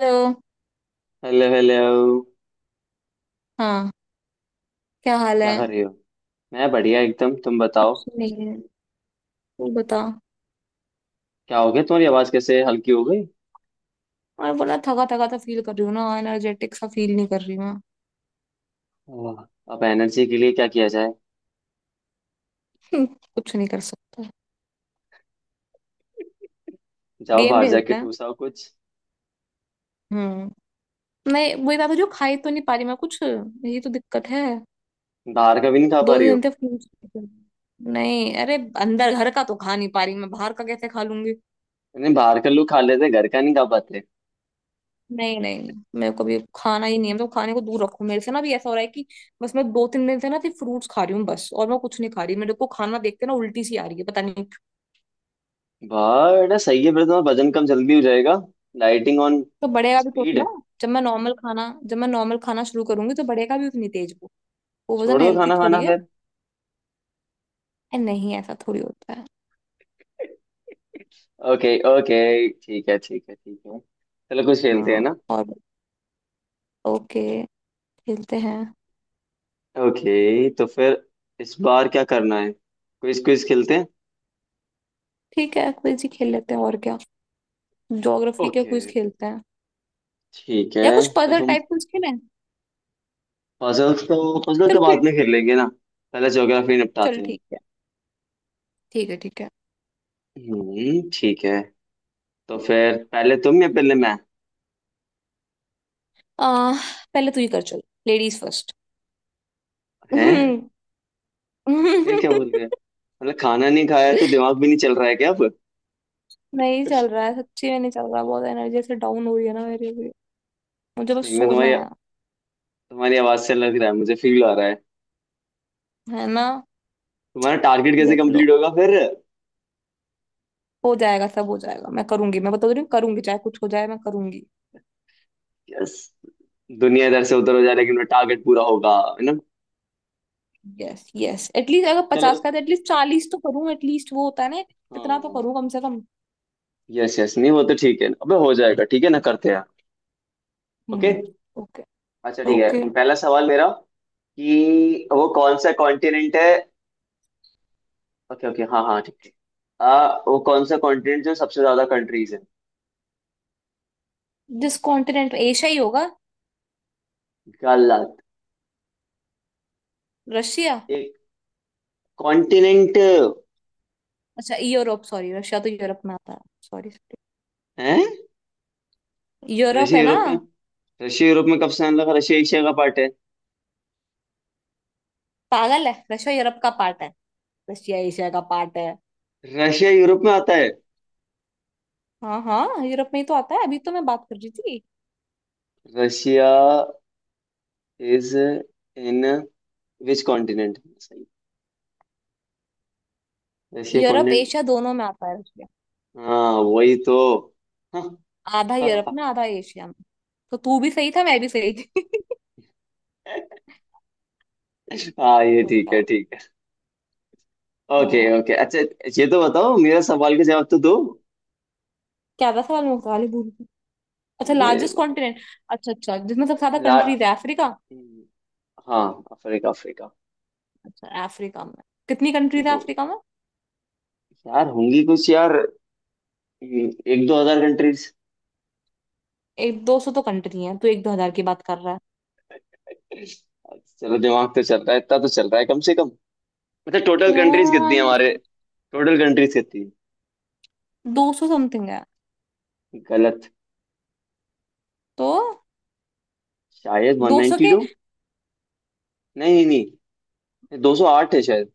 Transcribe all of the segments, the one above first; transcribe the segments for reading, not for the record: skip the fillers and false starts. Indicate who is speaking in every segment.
Speaker 1: Hello.
Speaker 2: Hello hello.
Speaker 1: हाँ। क्या हाल
Speaker 2: क्या
Speaker 1: है?
Speaker 2: कर रही हो? मैं बढ़िया एकदम, तुम बताओ।
Speaker 1: कुछ नहीं है। तू बता।
Speaker 2: क्या हो गया, तुम्हारी आवाज कैसे हल्की हो गई?
Speaker 1: और बोला, थका थका तो फील कर रही हूँ ना, एनर्जेटिक सा फील नहीं कर रही मैं।
Speaker 2: आह, अब एनर्जी के लिए क्या किया जाए?
Speaker 1: हम्म, कुछ नहीं कर सकता।
Speaker 2: जाओ
Speaker 1: गेम
Speaker 2: बाहर जाके
Speaker 1: खेलते हैं।
Speaker 2: ठूसाओ कुछ।
Speaker 1: हम्म। नहीं, वही बात है, जो खाई तो नहीं पा रही मैं कुछ, ये तो दिक्कत है।
Speaker 2: बाहर का भी नहीं खा पा
Speaker 1: दो
Speaker 2: रही
Speaker 1: दिन
Speaker 2: हो?
Speaker 1: से फोन चलाती हूँ। नहीं, अरे। अंदर घर का तो खा नहीं पा रही, मैं बाहर का कैसे खा लूंगी?
Speaker 2: नहीं, बाहर का लोग खा लेते, घर का नहीं खा पाते।
Speaker 1: नहीं, नहीं। मेरे को भी खाना ही नहीं है, तो खाने को दूर रखो मेरे से, ना भी ऐसा हो रहा है कि। बस मैं दो तीन दिन से ना सिर्फ फ्रूट्स खा रही हूँ, बस और मैं कुछ नहीं खा रही। मेरे को खाना देखते ना उल्टी सी आ रही है, पता नहीं।
Speaker 2: बड़ा सही है, फिर तुम्हारा वजन कम जल्दी हो जाएगा। Lighting on.
Speaker 1: तो बढ़ेगा भी तो
Speaker 2: स्पीड।
Speaker 1: उतना। जब मैं नॉर्मल खाना शुरू करूंगी तो बढ़ेगा भी उतनी तेज वो।
Speaker 2: तो
Speaker 1: वो वजन
Speaker 2: छोड़ दो
Speaker 1: हेल्थी
Speaker 2: खाना खाना
Speaker 1: थोड़ी है।
Speaker 2: फिर।
Speaker 1: ए, नहीं ऐसा थोड़ी होता है।
Speaker 2: Okay okay. ठीक है ठीक है ठीक है, चलो कुछ खेलते हैं
Speaker 1: हाँ।
Speaker 2: ना।
Speaker 1: और, ओके, खेलते हैं।
Speaker 2: ओके तो फिर इस बार क्या करना है? क्विज क्विज खेलते हैं?
Speaker 1: ठीक है, क्विज ही खेल लेते हैं और क्या। ज्योग्राफी के
Speaker 2: ओके
Speaker 1: क्विज खेलते हैं।
Speaker 2: ठीक है।
Speaker 1: या कुछ
Speaker 2: तो
Speaker 1: पजल
Speaker 2: तुम
Speaker 1: टाइप क्विज खेलें?
Speaker 2: पजल्स तो पजल
Speaker 1: चल
Speaker 2: तो बाद
Speaker 1: क्विज।
Speaker 2: में खेल लेंगे ना, पहले ज्योग्राफी निपटाते
Speaker 1: चल
Speaker 2: हैं।
Speaker 1: ठीक है। ठीक है, ठीक है।
Speaker 2: हम्म, ठीक है। तो फिर पहले तुम या पहले मैं?
Speaker 1: आ, पहले तू ही कर, चल लेडीज फर्स्ट।
Speaker 2: हैं? ये क्या बोल रहे हैं? मतलब खाना नहीं खाया तो दिमाग भी नहीं चल रहा है क्या अब?
Speaker 1: नहीं चल रहा है, सच्ची में नहीं चल रहा, बहुत एनर्जी से डाउन हो रही है ना, मेरी भी। मुझे बस
Speaker 2: सही में
Speaker 1: सोना
Speaker 2: तुम्हारी
Speaker 1: है।
Speaker 2: तुम्हारी आवाज से लग रहा है, मुझे फील आ रहा है।
Speaker 1: है ना।
Speaker 2: तुम्हारा टारगेट कैसे
Speaker 1: देख लो।
Speaker 2: कंप्लीट होगा फिर?
Speaker 1: हो जाएगा, सब हो जाएगा। मैं करूंगी, मैं बता रही हूँ करूंगी, चाहे कुछ हो जाए मैं करूंगी।
Speaker 2: यस, दुनिया इधर से उधर हो जाए लेकिन टारगेट पूरा होगा, है ना?
Speaker 1: यस, यस, एटलीस्ट अगर
Speaker 2: चलो।
Speaker 1: 50 का है एटलीस्ट 40 तो करूँ, एटलीस्ट वो होता है ना। इतना तो
Speaker 2: हाँ,
Speaker 1: करूँ, कम से कम।
Speaker 2: यस यस, नहीं वो तो ठीक है, अबे हो जाएगा ठीक है ना, करते हैं। ओके।
Speaker 1: हम्म। ओके,
Speaker 2: अच्छा ठीक
Speaker 1: ओके।
Speaker 2: है, पहला सवाल मेरा कि वो कौन सा कॉन्टिनेंट है। ओके ओके, हाँ हाँ ठीक है। वो कौन सा कॉन्टिनेंट जो सबसे ज्यादा कंट्रीज है?
Speaker 1: जिस कॉन्टिनेंट एशिया ही होगा।
Speaker 2: गलत।
Speaker 1: रशिया।
Speaker 2: एक कॉन्टिनेंट
Speaker 1: अच्छा, यूरोप, सॉरी, रशिया तो यूरोप में आता है। Sorry, sorry.
Speaker 2: है।
Speaker 1: यूरोप
Speaker 2: रशिया
Speaker 1: है ना।
Speaker 2: यूरोप में? रशिया यूरोप में कब से आने लगा, रशिया एशिया का पार्ट है।
Speaker 1: पागल है, रशिया यूरोप का पार्ट है। रशिया एशिया का पार्ट है।
Speaker 2: रशिया यूरोप में आता है?
Speaker 1: हाँ, हाँ, यूरोप में ही तो आता है, अभी तो मैं बात कर रही थी।
Speaker 2: Russia is in which continent, सही। Russia
Speaker 1: Europe
Speaker 2: continent.
Speaker 1: एशिया दोनों में आता है।
Speaker 2: हाँ वही तो। हाँ।
Speaker 1: आधा यूरोप
Speaker 2: हाँ।
Speaker 1: में, आधा एशिया में। तो तू भी सही था, मैं भी सही थी।
Speaker 2: हाँ, ये ठीक है
Speaker 1: बताओ।
Speaker 2: ठीक है। ओके
Speaker 1: हाँ।
Speaker 2: ओके। अच्छा, ये तो बताओ, मेरा सवाल का जवाब तो दो।
Speaker 1: क्या था सवाल, मैं सवाल ही भूल गई। अच्छा,
Speaker 2: अरे
Speaker 1: लार्जेस्ट
Speaker 2: भाई,
Speaker 1: कॉन्टिनेंट। अच्छा, अच्छा, जिसमें सबसे ज्यादा
Speaker 2: ला।
Speaker 1: कंट्रीज है, अफ्रीका।
Speaker 2: हाँ, अफ्रीका अफ्रीका।
Speaker 1: अच्छा, अफ्रीका में। कितनी कंट्रीज है
Speaker 2: तो
Speaker 1: अफ्रीका में?
Speaker 2: यार होंगी कुछ यार, एक दो हजार कंट्रीज।
Speaker 1: एक दो सौ तो कंट्री है, तू एक दो हजार की बात कर रहा है।
Speaker 2: चलो दिमाग तो चल रहा है, इतना तो चल रहा है कम से कम। मतलब टोटल कंट्रीज कितनी
Speaker 1: यार,
Speaker 2: है हमारे? टोटल कंट्रीज कितनी
Speaker 1: दो सौ समथिंग है।
Speaker 2: है? गलत।
Speaker 1: तो
Speaker 2: शायद वन
Speaker 1: दो सौ
Speaker 2: नाइनटी
Speaker 1: के।
Speaker 2: टू। नहीं नहीं नहीं, दो सौ आठ है शायद।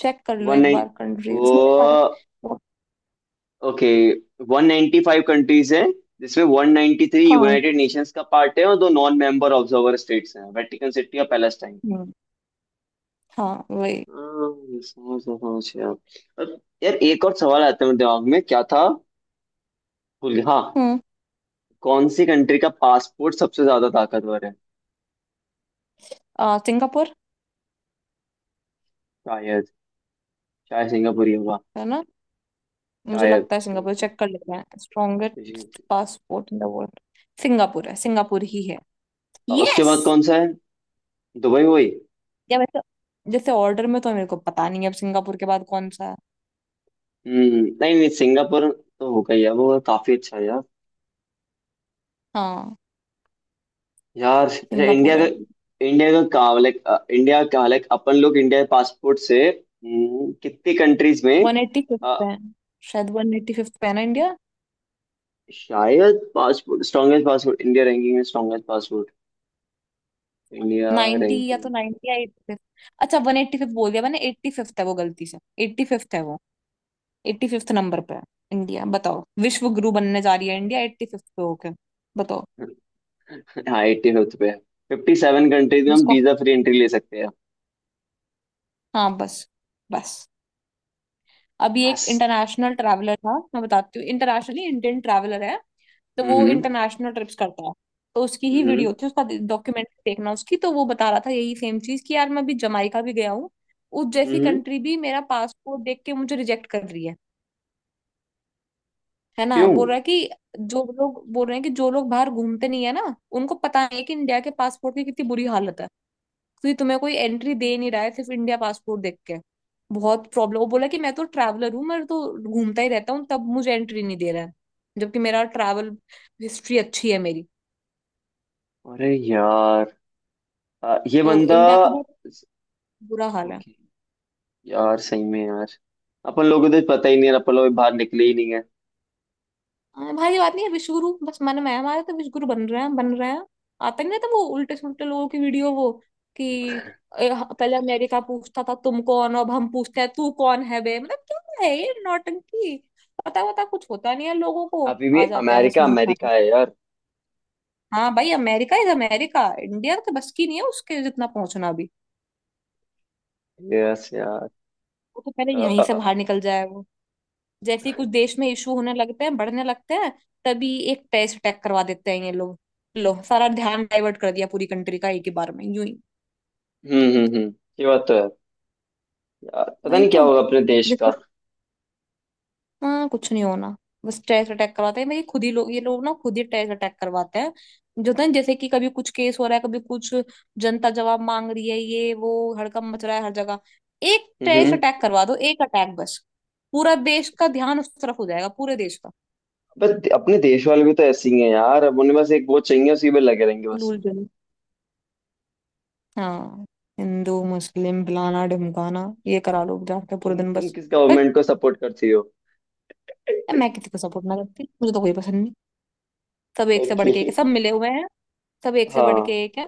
Speaker 1: चेक कर लो
Speaker 2: वन
Speaker 1: एक
Speaker 2: नाइन
Speaker 1: बार, कंट्री
Speaker 2: ओ।
Speaker 1: इसमें दिखा रहा है।
Speaker 2: ओके। 195 कंट्रीज हैं जिसमें 193
Speaker 1: हाँ।
Speaker 2: यूनाइटेड नेशंस का पार्ट है, और दो नॉन मेंबर ऑब्जर्वर स्टेट्स हैं, वेटिकन सिटी और पैलेस्टाइन।
Speaker 1: हम्म, हाँ वही।
Speaker 2: हाँ, समझ गया, समझ गया। अब यार एक और सवाल आता है, मेरे दिमाग में क्या था, भूल गया। हाँ,
Speaker 1: हम्म।
Speaker 2: कौन सी कंट्री का पासपोर्ट सबसे ज्यादा ताकतवर है?
Speaker 1: सिंगापुर।
Speaker 2: शायद, शायद सिंगापुर ही होगा।
Speaker 1: है ना। मुझे
Speaker 2: शायद
Speaker 1: लगता है
Speaker 2: कुछ
Speaker 1: सिंगापुर,
Speaker 2: country,
Speaker 1: चेक कर लेते हैं,
Speaker 2: कुछ
Speaker 1: strongest
Speaker 2: country।
Speaker 1: Passport in the world. Singapore है, सिंगापुर ही है।
Speaker 2: और उसके
Speaker 1: यस।
Speaker 2: बाद कौन सा है, दुबई हुई?
Speaker 1: या वैसे। जैसे ऑर्डर में तो मेरे को पता नहीं है, अब सिंगापुर के बाद कौन सा है।
Speaker 2: हम्म। नहीं नहीं, सिंगापुर तो होगा ही है, वो काफी अच्छा है।
Speaker 1: हाँ।
Speaker 2: यार अच्छा, इंडिया
Speaker 1: सिंगापुर है
Speaker 2: का,
Speaker 1: अभी।
Speaker 2: इंडिया का कहाँ लाइक, इंडिया का लाइक अपन लोग इंडिया पासपोर्ट से, कितनी कंट्रीज में?
Speaker 1: 185th पे
Speaker 2: अ,
Speaker 1: है। शायद 185th पे है ना, इंडिया।
Speaker 2: शायद passport strongest passport India ranking में, स्ट्रॉन्गेस्ट पासपोर्ट इंडिया
Speaker 1: 90 या तो
Speaker 2: रैंकिंग।
Speaker 1: 90 या 85th। अच्छा, 185th बोल दिया मैंने, 85th है वो, गलती से। 85th है वो। 85th नंबर पे है। इंडिया बताओ, विश्व गुरु बनने जा रही है, इंडिया एट्टी फिफ्थ पे होके। बताओ।
Speaker 2: हाँ एट्टी फिफ्थ पे है। फिफ्टी सेवन कंट्रीज में हम
Speaker 1: जिसको।
Speaker 2: वीजा फ्री एंट्री ले सकते हैं।
Speaker 1: हाँ, बस। बस। अभी एक
Speaker 2: बस।
Speaker 1: इंटरनेशनल ट्रैवलर था, मैं बताती हूँ, इंटरनेशनली इंडियन ट्रैवलर है। तो वो
Speaker 2: हम्म
Speaker 1: इंटरनेशनल ट्रिप्स करता है। तो उसकी ही
Speaker 2: हम्म
Speaker 1: वीडियो थी, उसका डॉक्यूमेंट देखना उसकी, तो वो बता रहा था यही सेम चीज कि यार, मैं अभी जमाइका भी गया हूँ। उस जैसी
Speaker 2: हम्म।
Speaker 1: कंट्री भी मेरा पासपोर्ट देख के मुझे रिजेक्ट कर रही है। है ना,
Speaker 2: क्यों?
Speaker 1: बोल रहा है कि जो लोग बोल रहे हैं, कि जो लोग बाहर घूमते नहीं है ना, उनको पता नहीं है कि इंडिया के पासपोर्ट की कितनी बुरी हालत है। क्योंकि तुम्हें कोई एंट्री दे नहीं रहा है, सिर्फ इंडिया पासपोर्ट देख के। बहुत प्रॉब्लम, वो बोला कि मैं तो ट्रैवलर हूँ, मैं तो घूमता ही रहता हूँ, तब मुझे एंट्री नहीं दे रहा है। जबकि मेरा ट्रैवल हिस्ट्री अच्छी है मेरी।
Speaker 2: अरे यार, ये
Speaker 1: तो
Speaker 2: बंदा।
Speaker 1: इंडिया का बहुत बुरा हाल है।
Speaker 2: ओके। यार सही में यार, अपन लोगों को तो पता ही नहीं है, अपन लोग बाहर निकले ही नहीं।
Speaker 1: हाँ, भाई, ये बात नहीं है, विश्वगुरु बस मन में है हमारे, तो विश्वगुरु बन रहे हैं, बन रहे हैं। आता ही नहीं था वो उल्टे सुल्टे लोगों की वीडियो वो, कि ए, पहले अमेरिका पूछता था तुम कौन हो, अब हम पूछते हैं तू कौन है बे, मतलब क्या है ये नौटंकी। पता वता कुछ होता नहीं है लोगों को,
Speaker 2: अभी भी
Speaker 1: आ जाते हैं बस
Speaker 2: अमेरिका
Speaker 1: मुंह उठा।
Speaker 2: अमेरिका है यार।
Speaker 1: हाँ भाई, अमेरिका इज अमेरिका, इंडिया तो बस की नहीं है उसके जितना पहुंचना भी।
Speaker 2: यस यार।
Speaker 1: वो तो पहले
Speaker 2: अ, अ,
Speaker 1: यहीं से
Speaker 2: अ,
Speaker 1: बाहर निकल जाए वो। जैसे ही कुछ देश में इशू होने लगते हैं, बढ़ने लगते हैं, तभी एक टेररिस्ट अटैक करवा देते हैं ये लोग। लो, सारा ध्यान डाइवर्ट कर दिया पूरी कंट्री का एक ही बार में, यूं ही।
Speaker 2: हम्म। ये बात तो है। यार पता
Speaker 1: वही
Speaker 2: नहीं क्या
Speaker 1: तो।
Speaker 2: होगा अपने देश का।
Speaker 1: हाँ, कुछ नहीं होना। बस टेरर अटैक करवाते हैं भाई, खुद ही लोग, ये लोग ना खुद ही टेरर अटैक करवाते हैं। जो होता है ना, जैसे कि कभी कुछ केस हो रहा है, कभी कुछ जनता जवाब मांग रही है, ये वो हड़कंप मच रहा है हर जगह। एक
Speaker 2: हम्म।
Speaker 1: टेरर अटैक करवा दो, एक अटैक बस। पूरा देश का ध्यान उस तरफ हो जाएगा, पूरे देश का।
Speaker 2: बट अपने देश वाले भी तो ऐसे ही हैं यार, अब उन्हें बस एक वोट चाहिए उसी में लगे रहेंगे बस।
Speaker 1: हुलूल जुलूल। हाँ। हिंदू मुस्लिम फलाना ढिमकाना ये करा लो जाके पूरे
Speaker 2: तुम
Speaker 1: दिन
Speaker 2: तुम
Speaker 1: बस।
Speaker 2: किस
Speaker 1: बट
Speaker 2: गवर्नमेंट को सपोर्ट करती हो?
Speaker 1: मैं किसी को सपोर्ट ना करती, मुझे तो कोई पसंद नहीं। सब एक से बढ़
Speaker 2: ओके।
Speaker 1: के एक है, सब मिले हुए हैं। सब एक से बढ़ के
Speaker 2: हाँ।
Speaker 1: एक है।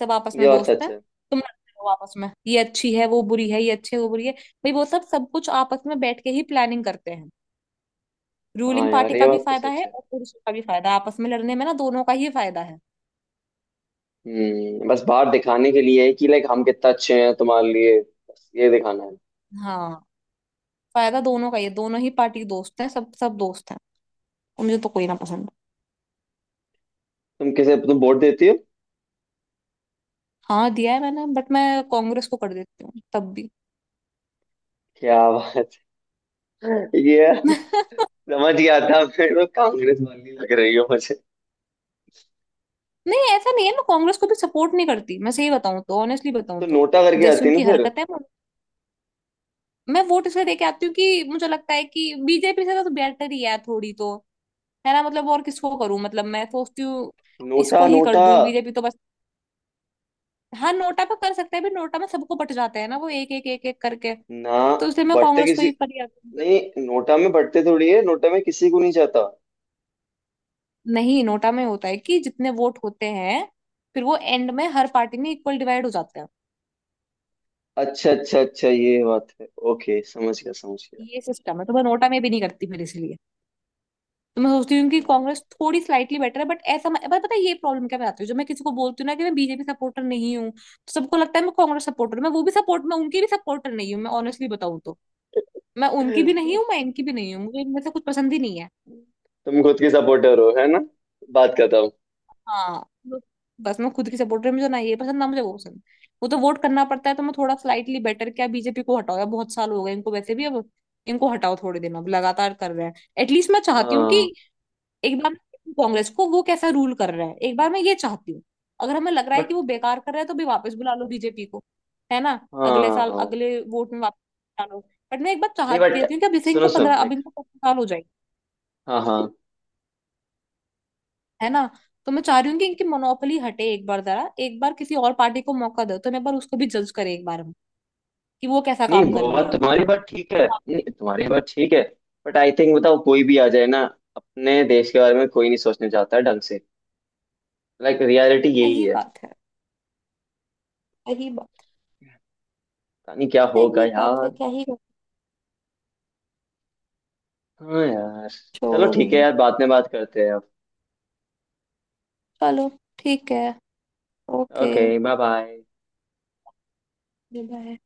Speaker 1: सब आपस
Speaker 2: ये
Speaker 1: में
Speaker 2: बात
Speaker 1: दोस्त
Speaker 2: सच
Speaker 1: हैं।
Speaker 2: है।
Speaker 1: तुम लड़ते हो आपस में, ये अच्छी है वो बुरी है, ये अच्छी है वो बुरी है, भाई वो सब, सब कुछ आपस में बैठ के ही प्लानिंग करते हैं।
Speaker 2: हाँ
Speaker 1: रूलिंग
Speaker 2: यार
Speaker 1: पार्टी
Speaker 2: ये
Speaker 1: का भी
Speaker 2: बात तो
Speaker 1: फायदा
Speaker 2: सच
Speaker 1: है
Speaker 2: है।
Speaker 1: और पुरुषों का भी फायदा है, आपस में लड़ने में ना दोनों का ही फायदा है।
Speaker 2: हम्म, बस बाहर दिखाने के लिए है कि लाइक हम कितना अच्छे हैं तुम्हारे लिए, बस ये दिखाना है।
Speaker 1: हाँ। फायदा दोनों का ही है, दोनों ही पार्टी के दोस्त हैं, सब सब दोस्त हैं। और मुझे तो कोई ना पसंद।
Speaker 2: तुम वोट देती हो?
Speaker 1: हाँ, दिया है मैंने, बट मैं कांग्रेस को कर देती हूँ तब भी।
Speaker 2: क्या बात है। ये समझ गया था, फिर वो कांग्रेस वाली लग रही हो मुझे।
Speaker 1: नहीं ऐसा नहीं है, मैं कांग्रेस को भी सपोर्ट नहीं करती, मैं सही बताऊं तो, ऑनेस्टली बताऊं
Speaker 2: तो
Speaker 1: तो
Speaker 2: नोटा करके
Speaker 1: जैसी
Speaker 2: आती है ना
Speaker 1: उनकी
Speaker 2: फिर?
Speaker 1: हरकत है मैं। मैं वोट इसलिए दे के आती हूँ कि मुझे लगता है कि बीजेपी से तो बेटर ही है थोड़ी तो, है ना, मतलब और किसको करूं, मतलब मैं सोचती हूँ
Speaker 2: नोटा
Speaker 1: इसको ही कर
Speaker 2: नोटा।
Speaker 1: दूं, बीजेपी तो बस। हाँ, नोटा पे कर सकते हैं, भी नोटा में सबको बट जाते हैं ना वो एक एक एक एक करके,
Speaker 2: ना।
Speaker 1: तो इसलिए मैं
Speaker 2: बढ़ते
Speaker 1: कांग्रेस को ही,
Speaker 2: किसी,
Speaker 1: पर
Speaker 2: नहीं नोटा में बढ़ते थोड़ी है, नोटा में किसी को नहीं जाता।
Speaker 1: नहीं, नोटा में होता है कि जितने वोट होते हैं, फिर वो एंड में हर पार्टी में इक्वल डिवाइड हो जाते हैं।
Speaker 2: अच्छा अच्छा अच्छा, ये बात है, ओके समझ गया समझ गया।
Speaker 1: ये सिस्टम है, तो मैं नोटा में भी नहीं करती फिर, इसलिए तो मैं सोचती हूँ कि कांग्रेस थोड़ी स्लाइटली बेटर है, बट ऐसा मैं पर पता है ये प्रॉब्लम, क्या मैं आती हूँ जब मैं किसी को बोलती हूँ ना कि मैं बीजेपी सपोर्टर नहीं हूँ, तो सबको लगता है मैं कांग्रेस सपोर्टर हूँ। मैं वो भी सपोर्ट, मैं उनकी भी सपोर्टर नहीं हूँ, मैं ऑनेस्टली बताऊँ तो मैं उनकी भी नहीं हूँ, मैं इनकी भी नहीं हूँ, मुझे इनमें से कुछ पसंद ही नहीं है।
Speaker 2: तुम खुद की सपोर्टर हो है ना, बात करता हूँ।
Speaker 1: हाँ, बस मैं खुद की सपोर्टर, मुझे ना ये पसंद, ना मुझे वो पसंद। वो तो वोट करना पड़ता है, तो मैं थोड़ा स्लाइटली बेटर क्या, बीजेपी को हटाओ यार, बहुत साल हो गए इनको वैसे भी अब, इनको हटाओ थोड़े दिन, अब लगातार कर रहे हैं। एटलीस्ट मैं चाहती हूँ
Speaker 2: हाँ।
Speaker 1: कि एक बार मैं कांग्रेस को, वो कैसा रूल कर रहा है, एक बार मैं ये चाहती हूँ, अगर हमें लग रहा है कि
Speaker 2: बट
Speaker 1: वो बेकार कर रहा है तो भी वापस बुला लो बीजेपी को, है ना, अगले साल
Speaker 2: हाँ,
Speaker 1: अगले वोट में वापस बुला लो। बट मैं एक बार
Speaker 2: नहीं बट,
Speaker 1: चाहती थी कि
Speaker 2: सुनो सुनो
Speaker 1: अभी
Speaker 2: लाइक,
Speaker 1: इनको 15 साल हो जाएंगे,
Speaker 2: हाँ हाँ,
Speaker 1: है ना। तो मैं चाह रही हूँ कि इनकी मोनोपोली हटे एक बार, जरा एक बार किसी और पार्टी को मौका दो, तो मैं एक बार उसको भी जज करे एक बार हम, कि वो कैसा
Speaker 2: नहीं
Speaker 1: काम कर
Speaker 2: वो
Speaker 1: रही
Speaker 2: बात,
Speaker 1: है।
Speaker 2: तुम्हारी बात ठीक है, नहीं तुम्हारी बात ठीक है। बट आई थिंक, बताओ कोई भी आ जाए ना, अपने देश के बारे में कोई नहीं सोचने चाहता है ढंग से, लाइक रियलिटी यही
Speaker 1: सही
Speaker 2: है।
Speaker 1: बात है। सही बात।
Speaker 2: पता नहीं क्या होगा
Speaker 1: सही बात
Speaker 2: यार।
Speaker 1: है, क्या ही
Speaker 2: हाँ यार। चलो
Speaker 1: छोड़ो
Speaker 2: ठीक है
Speaker 1: भाई।
Speaker 2: यार, बाद में बात करते हैं अब।
Speaker 1: चलो ठीक है। Okay
Speaker 2: okay bye bye.
Speaker 1: Bye.